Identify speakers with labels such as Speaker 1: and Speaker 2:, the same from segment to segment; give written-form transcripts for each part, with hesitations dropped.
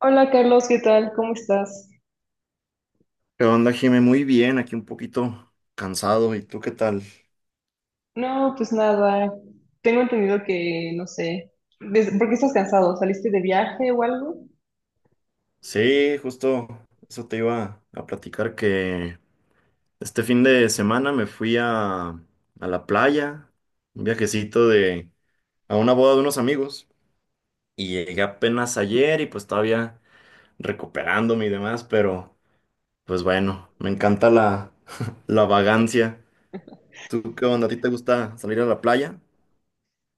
Speaker 1: Hola Carlos, ¿qué tal? ¿Cómo estás?
Speaker 2: ¿Qué onda, Jimé? Muy bien, aquí un poquito cansado. ¿Y tú qué tal?
Speaker 1: No, pues nada, tengo entendido que, no sé, ¿por qué estás cansado? ¿Saliste de viaje o algo?
Speaker 2: Sí, justo eso te iba a platicar que este fin de semana me fui a la playa, un viajecito de, a una boda de unos amigos y llegué apenas ayer y pues todavía recuperándome y demás, pero pues bueno, me encanta la, la vagancia. ¿Tú qué onda? ¿A ti te gusta salir a la playa?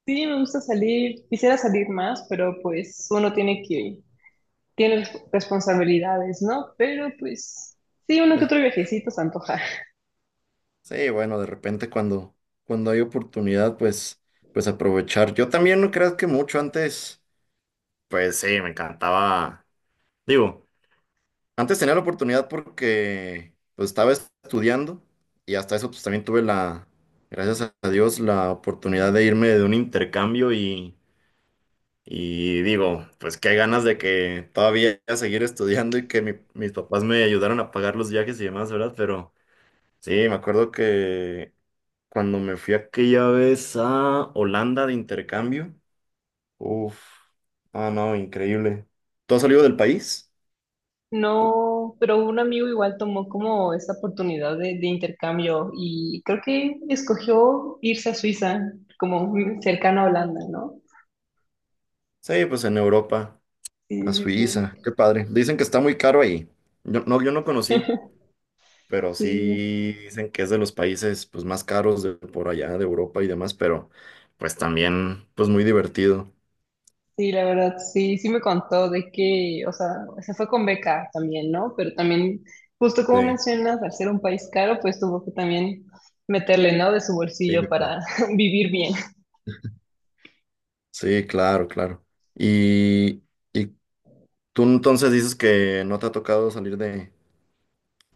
Speaker 1: Sí, me gusta salir, quisiera salir más, pero pues uno tiene que, tiene responsabilidades, ¿no? Pero pues sí, uno que otro viajecito se antoja.
Speaker 2: Sí, bueno, de repente cuando hay oportunidad, pues, pues aprovechar. Yo también no creas que mucho antes, pues sí, me encantaba. Digo, antes tenía la oportunidad porque pues estaba estudiando y hasta eso pues también tuve la, gracias a Dios, la oportunidad de irme de un intercambio y digo, pues qué ganas de que todavía seguir estudiando y que mis papás me ayudaron a pagar los viajes y demás, ¿verdad? Pero sí, me acuerdo que cuando me fui aquella vez a Holanda de intercambio. Uf. Ah, no, increíble. ¿Tú has salido del país?
Speaker 1: No, pero un amigo igual tomó como esta oportunidad de intercambio y creo que escogió irse a Suiza, como cercano a Holanda, ¿no?
Speaker 2: Sí, pues en Europa, a
Speaker 1: Sí, sí.
Speaker 2: Suiza. Qué padre. Dicen que está muy caro ahí. Yo no conocí, pero
Speaker 1: Sí. Sí.
Speaker 2: sí dicen que es de los países pues más caros de por allá, de Europa y demás, pero pues también pues muy divertido.
Speaker 1: Sí, la verdad, sí, sí me contó de que, o sea, se fue con beca también, ¿no? Pero también, justo como
Speaker 2: Sí,
Speaker 1: mencionas, al ser un país caro, pues tuvo que también meterle, ¿no? De su
Speaker 2: sí,
Speaker 1: bolsillo
Speaker 2: claro.
Speaker 1: para vivir bien.
Speaker 2: Sí, claro, claro. Y, y tú entonces dices que no te ha tocado salir de,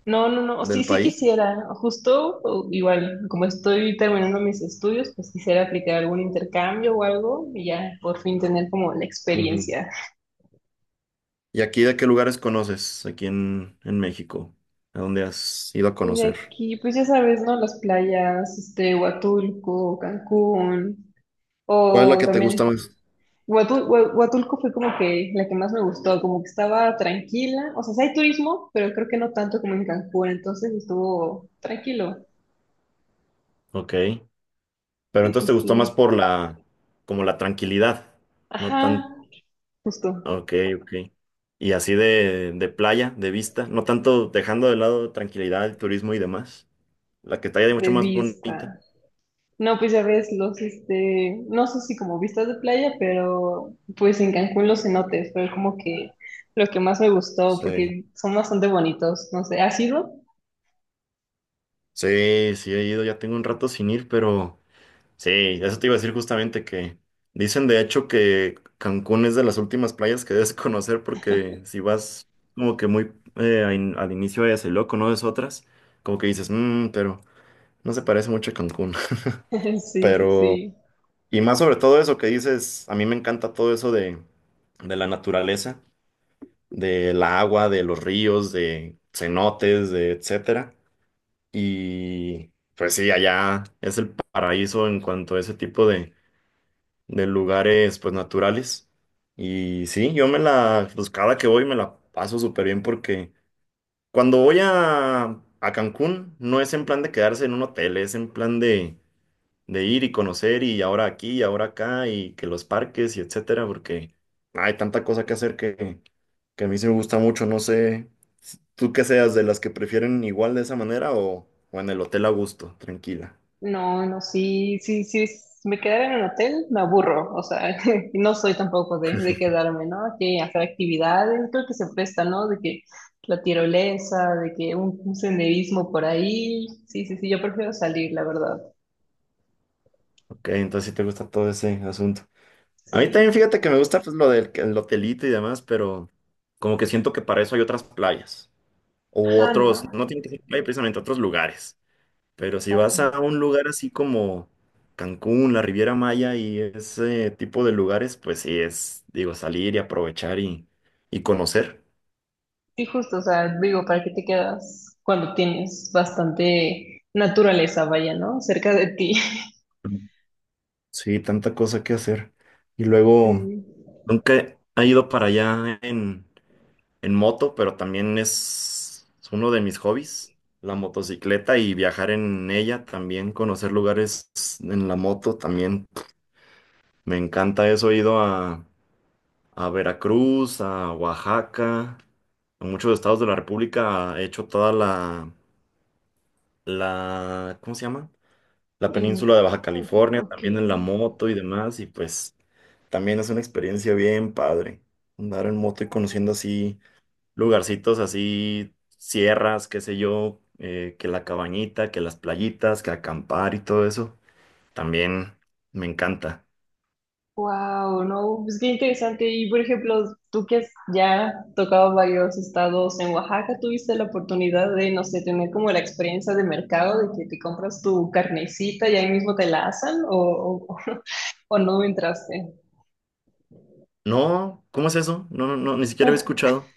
Speaker 1: No, no, no, sí,
Speaker 2: del
Speaker 1: sí
Speaker 2: país.
Speaker 1: quisiera, justo o igual, como estoy terminando mis estudios, pues quisiera aplicar algún intercambio o algo y ya por fin tener como la
Speaker 2: Ujú.
Speaker 1: experiencia.
Speaker 2: ¿Y aquí de qué lugares conoces aquí en México? ¿A dónde has ido a
Speaker 1: Y de
Speaker 2: conocer?
Speaker 1: aquí, pues ya sabes, ¿no? Las playas, este, Huatulco, Cancún,
Speaker 2: ¿Cuál es la
Speaker 1: o
Speaker 2: que te gusta
Speaker 1: también…
Speaker 2: más?
Speaker 1: Huatulco fue como que la que más me gustó, como que estaba tranquila, o sea, sí hay turismo, pero creo que no tanto como en Cancún, entonces estuvo tranquilo.
Speaker 2: Ok, pero
Speaker 1: Sí,
Speaker 2: entonces
Speaker 1: sí,
Speaker 2: te gustó más
Speaker 1: sí.
Speaker 2: por la, como la tranquilidad, no
Speaker 1: Ajá,
Speaker 2: tan,
Speaker 1: justo,
Speaker 2: ok, ok. Y así de playa, de vista, no tanto dejando de lado tranquilidad, el turismo y demás. La que está ya mucho
Speaker 1: de
Speaker 2: más bonita.
Speaker 1: vista. No, pues ya ves los, este, no sé si como vistas de playa, pero pues en Cancún los cenotes fue como que lo que más me gustó,
Speaker 2: Sí.
Speaker 1: porque son bastante bonitos, no sé, ¿has ido?
Speaker 2: Sí, sí he ido, ya tengo un rato sin ir, pero... Sí, eso te iba a decir justamente que dicen de hecho que Cancún es de las últimas playas que debes conocer porque si vas como que muy a al inicio de Loco, conoces otras, como que dices, mmm, pero no se parece mucho a Cancún.
Speaker 1: Sí, sí,
Speaker 2: Pero,
Speaker 1: sí.
Speaker 2: y más sobre todo eso que dices, a mí me encanta todo eso de la naturaleza, del agua, de los ríos, de cenotes, de etcétera. Y pues sí, allá es el paraíso en cuanto a ese tipo de lugares pues naturales. Y sí, yo me la, pues cada que voy me la paso súper bien porque cuando voy a Cancún no es en plan de quedarse en un hotel, es en plan de ir y conocer y ahora aquí y ahora acá y que los parques y etcétera, porque hay tanta cosa que hacer que a mí sí me gusta mucho, no sé, tú que seas de las que prefieren igual de esa manera o en el hotel a gusto, tranquila.
Speaker 1: No, no, sí, sí, sí, me quedara en un hotel, me aburro, o sea, no soy tampoco de quedarme, ¿no? Que hacer actividades, creo que se presta, ¿no? De que la tirolesa, de que un senderismo por ahí, sí, sí, sí, yo prefiero salir, la verdad,
Speaker 2: Ok, entonces sí te gusta todo ese asunto. A mí
Speaker 1: sí.
Speaker 2: también fíjate que me gusta pues lo del el hotelito y demás, pero como que siento que para eso hay otras playas o
Speaker 1: Ajá,
Speaker 2: otros,
Speaker 1: ¿no?
Speaker 2: no tiene que ser playa precisamente, otros lugares. Pero si vas
Speaker 1: Ah,
Speaker 2: a un lugar así como Cancún, la Riviera Maya y ese tipo de lugares, pues sí es, digo, salir y aprovechar y conocer.
Speaker 1: sí, justo, o sea, digo, ¿para qué te quedas cuando tienes bastante naturaleza, vaya, ¿no? Cerca de ti.
Speaker 2: Sí, tanta cosa que hacer. Y luego,
Speaker 1: Sí.
Speaker 2: nunca he ido para allá en moto, pero también es uno de mis hobbies, la motocicleta y viajar en ella, también conocer lugares en la moto, también me encanta eso. He ido a Veracruz, a Oaxaca, a muchos estados de la República, he hecho toda la, la, ¿cómo se llama? La
Speaker 1: Mm,
Speaker 2: península de Baja California,
Speaker 1: ok.
Speaker 2: también en la moto y demás, y pues también es una experiencia bien padre, andar en moto y conociendo así lugarcitos así, sierras, qué sé yo, que la cabañita, que las playitas, que acampar y todo eso. También me encanta.
Speaker 1: Wow, no, pues qué interesante. Y por ejemplo, tú que has ya tocado varios estados en Oaxaca, ¿tuviste la oportunidad de, no sé, tener como la experiencia de mercado, de que te compras tu carnecita y ahí mismo te la asan o no entraste?
Speaker 2: No, ¿cómo es eso? No, ni siquiera había escuchado.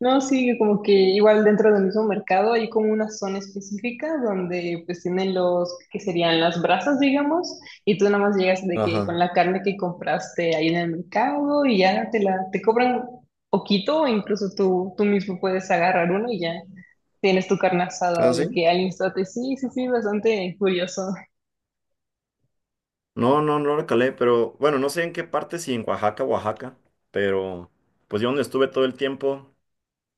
Speaker 1: No, sí, como que igual dentro del mismo mercado hay como una zona específica donde pues tienen los que serían las brasas, digamos, y tú nada más llegas de que con
Speaker 2: Ajá.
Speaker 1: la carne que compraste ahí en el mercado y ya te cobran poquito, o incluso tú mismo puedes agarrar uno y ya tienes tu carne
Speaker 2: ¿Ah,
Speaker 1: asada de
Speaker 2: sí?
Speaker 1: que al instante. Sí, sí, sí, bastante curioso.
Speaker 2: No, no, no lo calé, pero bueno, no sé en qué parte, si en Oaxaca, Oaxaca, pero pues yo donde estuve todo el tiempo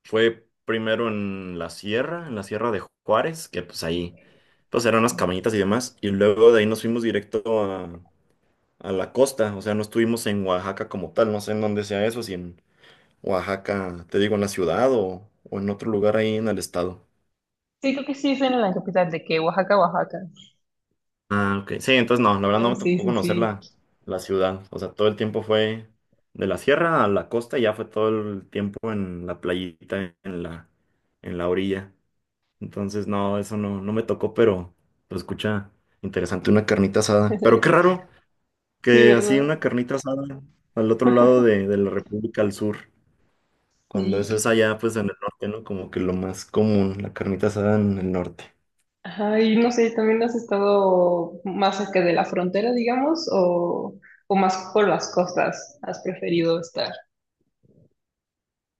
Speaker 2: fue primero en la sierra de Juárez, que pues ahí pues eran unas cabañitas y demás, y luego de ahí nos fuimos directo a la costa, o sea, no estuvimos en Oaxaca como tal, no sé en dónde sea eso, si en Oaxaca, te digo, en la ciudad o en otro lugar ahí en el estado.
Speaker 1: Sí, creo que sí es en la capital de que Oaxaca, Oaxaca.
Speaker 2: Ah, ok. Sí, entonces no, la verdad no
Speaker 1: No,
Speaker 2: me
Speaker 1: sí,
Speaker 2: tocó
Speaker 1: sí,
Speaker 2: conocer la,
Speaker 1: sí.
Speaker 2: la ciudad, o sea, todo el tiempo fue de la sierra a la costa y ya fue todo el tiempo en la playita, en la orilla. Entonces, no, eso no, no me tocó, pero escucha, interesante, una carnita asada. Pero qué raro
Speaker 1: Sí,
Speaker 2: que así
Speaker 1: ¿verdad?
Speaker 2: una carnita asada al otro lado de la República al sur. Cuando
Speaker 1: Sí,
Speaker 2: eso es allá, pues en el norte, ¿no? Como que lo más común, la carnita asada en el norte.
Speaker 1: ajá, y no sé, ¿también has estado más cerca de la frontera, digamos, o más por las costas? ¿Has preferido estar?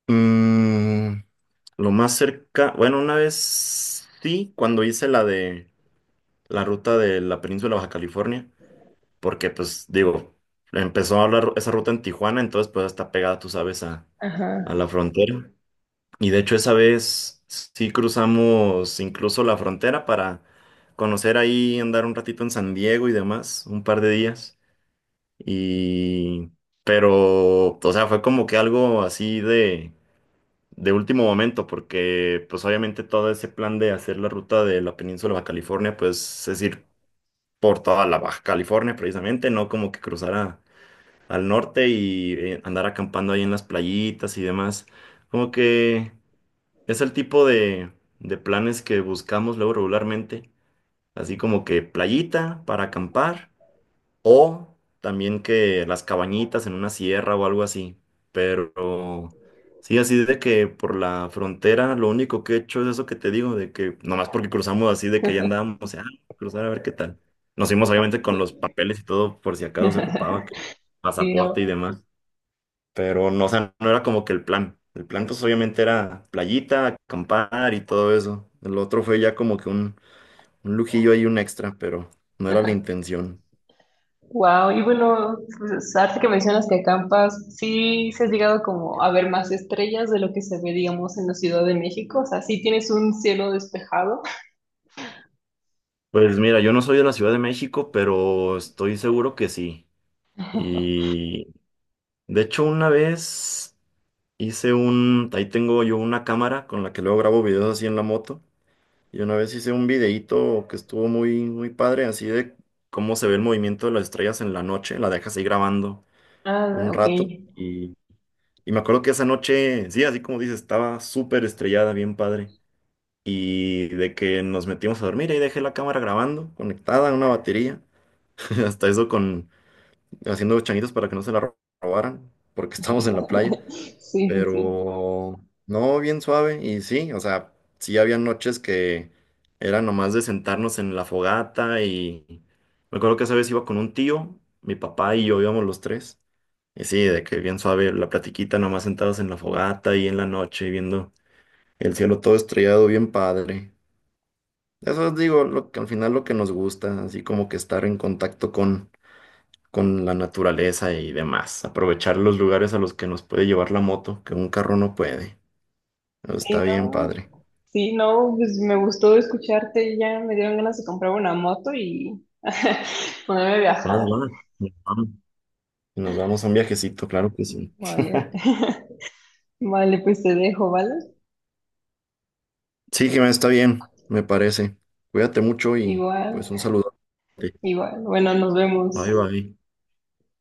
Speaker 2: Mm, lo más cerca, bueno, una vez sí, cuando hice la de la ruta de la península Baja California, porque pues digo, empezó la esa ruta en Tijuana, entonces pues está pegada, tú sabes, a
Speaker 1: Ajá,
Speaker 2: la frontera. Y de hecho esa vez sí cruzamos incluso la frontera para conocer ahí, andar un ratito en San Diego y demás, un par de días. Y, pero, o sea, fue como que algo así de último momento, porque pues obviamente todo ese plan de hacer la ruta de la península Baja California, pues es ir por toda la Baja California precisamente, no como que cruzar al norte y andar acampando ahí en las playitas y demás. Como que es el tipo de planes que buscamos luego regularmente, así como que playita para acampar o también que las cabañitas en una sierra o algo así. Pero sí, así de que por la frontera lo único que he hecho es eso que te digo, de que nomás porque cruzamos así, de que allá andábamos, o sea, cruzar a ver qué tal. Nos fuimos obviamente con los
Speaker 1: ok.
Speaker 2: papeles y todo por si acaso se ocupaba, que
Speaker 1: Sí,
Speaker 2: pasaporte y
Speaker 1: no.
Speaker 2: demás. Pero no, o sea, no era como que el plan. El plan pues obviamente era playita, acampar y todo eso. El otro fue ya como que un lujillo ahí, un extra, pero no era la intención.
Speaker 1: Wow, y bueno, pues, ahorita que mencionas que acampas, sí, se has llegado como a ver más estrellas de lo que se ve, digamos, en la Ciudad de México, o sea, sí tienes un cielo despejado.
Speaker 2: Pues mira, yo no soy de la Ciudad de México, pero estoy seguro que sí. Y de hecho una vez hice un, ahí tengo yo una cámara con la que luego grabo videos así en la moto. Y una vez hice un videíto que estuvo muy, muy padre, así de cómo se ve el movimiento de las estrellas en la noche. La dejas ahí grabando
Speaker 1: Ah,
Speaker 2: un
Speaker 1: ok.
Speaker 2: rato. Y me acuerdo que esa noche, sí, así como dices, estaba súper estrellada, bien padre. Y de que nos metimos a dormir y dejé la cámara grabando, conectada a una batería. Hasta eso con haciendo changuitos para que no se la robaran, porque estábamos en la playa.
Speaker 1: Sí, sí, sí.
Speaker 2: Pero no, bien suave. Y sí, o sea, sí había noches que era nomás de sentarnos en la fogata. Y me acuerdo que esa vez iba con un tío, mi papá y yo íbamos los tres. Y sí, de que bien suave la platiquita, nomás sentados en la fogata y en la noche, viendo el cielo todo estrellado, bien padre. Eso es, digo, lo que al final lo que nos gusta, así como que estar en contacto con la naturaleza y demás. Aprovechar los lugares a los que nos puede llevar la moto, que un carro no puede. Pero
Speaker 1: Sí,
Speaker 2: está bien,
Speaker 1: no,
Speaker 2: padre.
Speaker 1: sí, no, pues me gustó escucharte y ya me dieron ganas de comprar una moto y ponerme a
Speaker 2: Va,
Speaker 1: viajar.
Speaker 2: va, nos vamos. Nos vamos a un viajecito, claro que sí.
Speaker 1: Vale, vale, pues te dejo, ¿vale?
Speaker 2: Sí, Jimena, está bien, me parece. Cuídate mucho y
Speaker 1: Igual,
Speaker 2: pues un saludo.
Speaker 1: igual. Bueno, nos
Speaker 2: Bye,
Speaker 1: vemos.
Speaker 2: bye.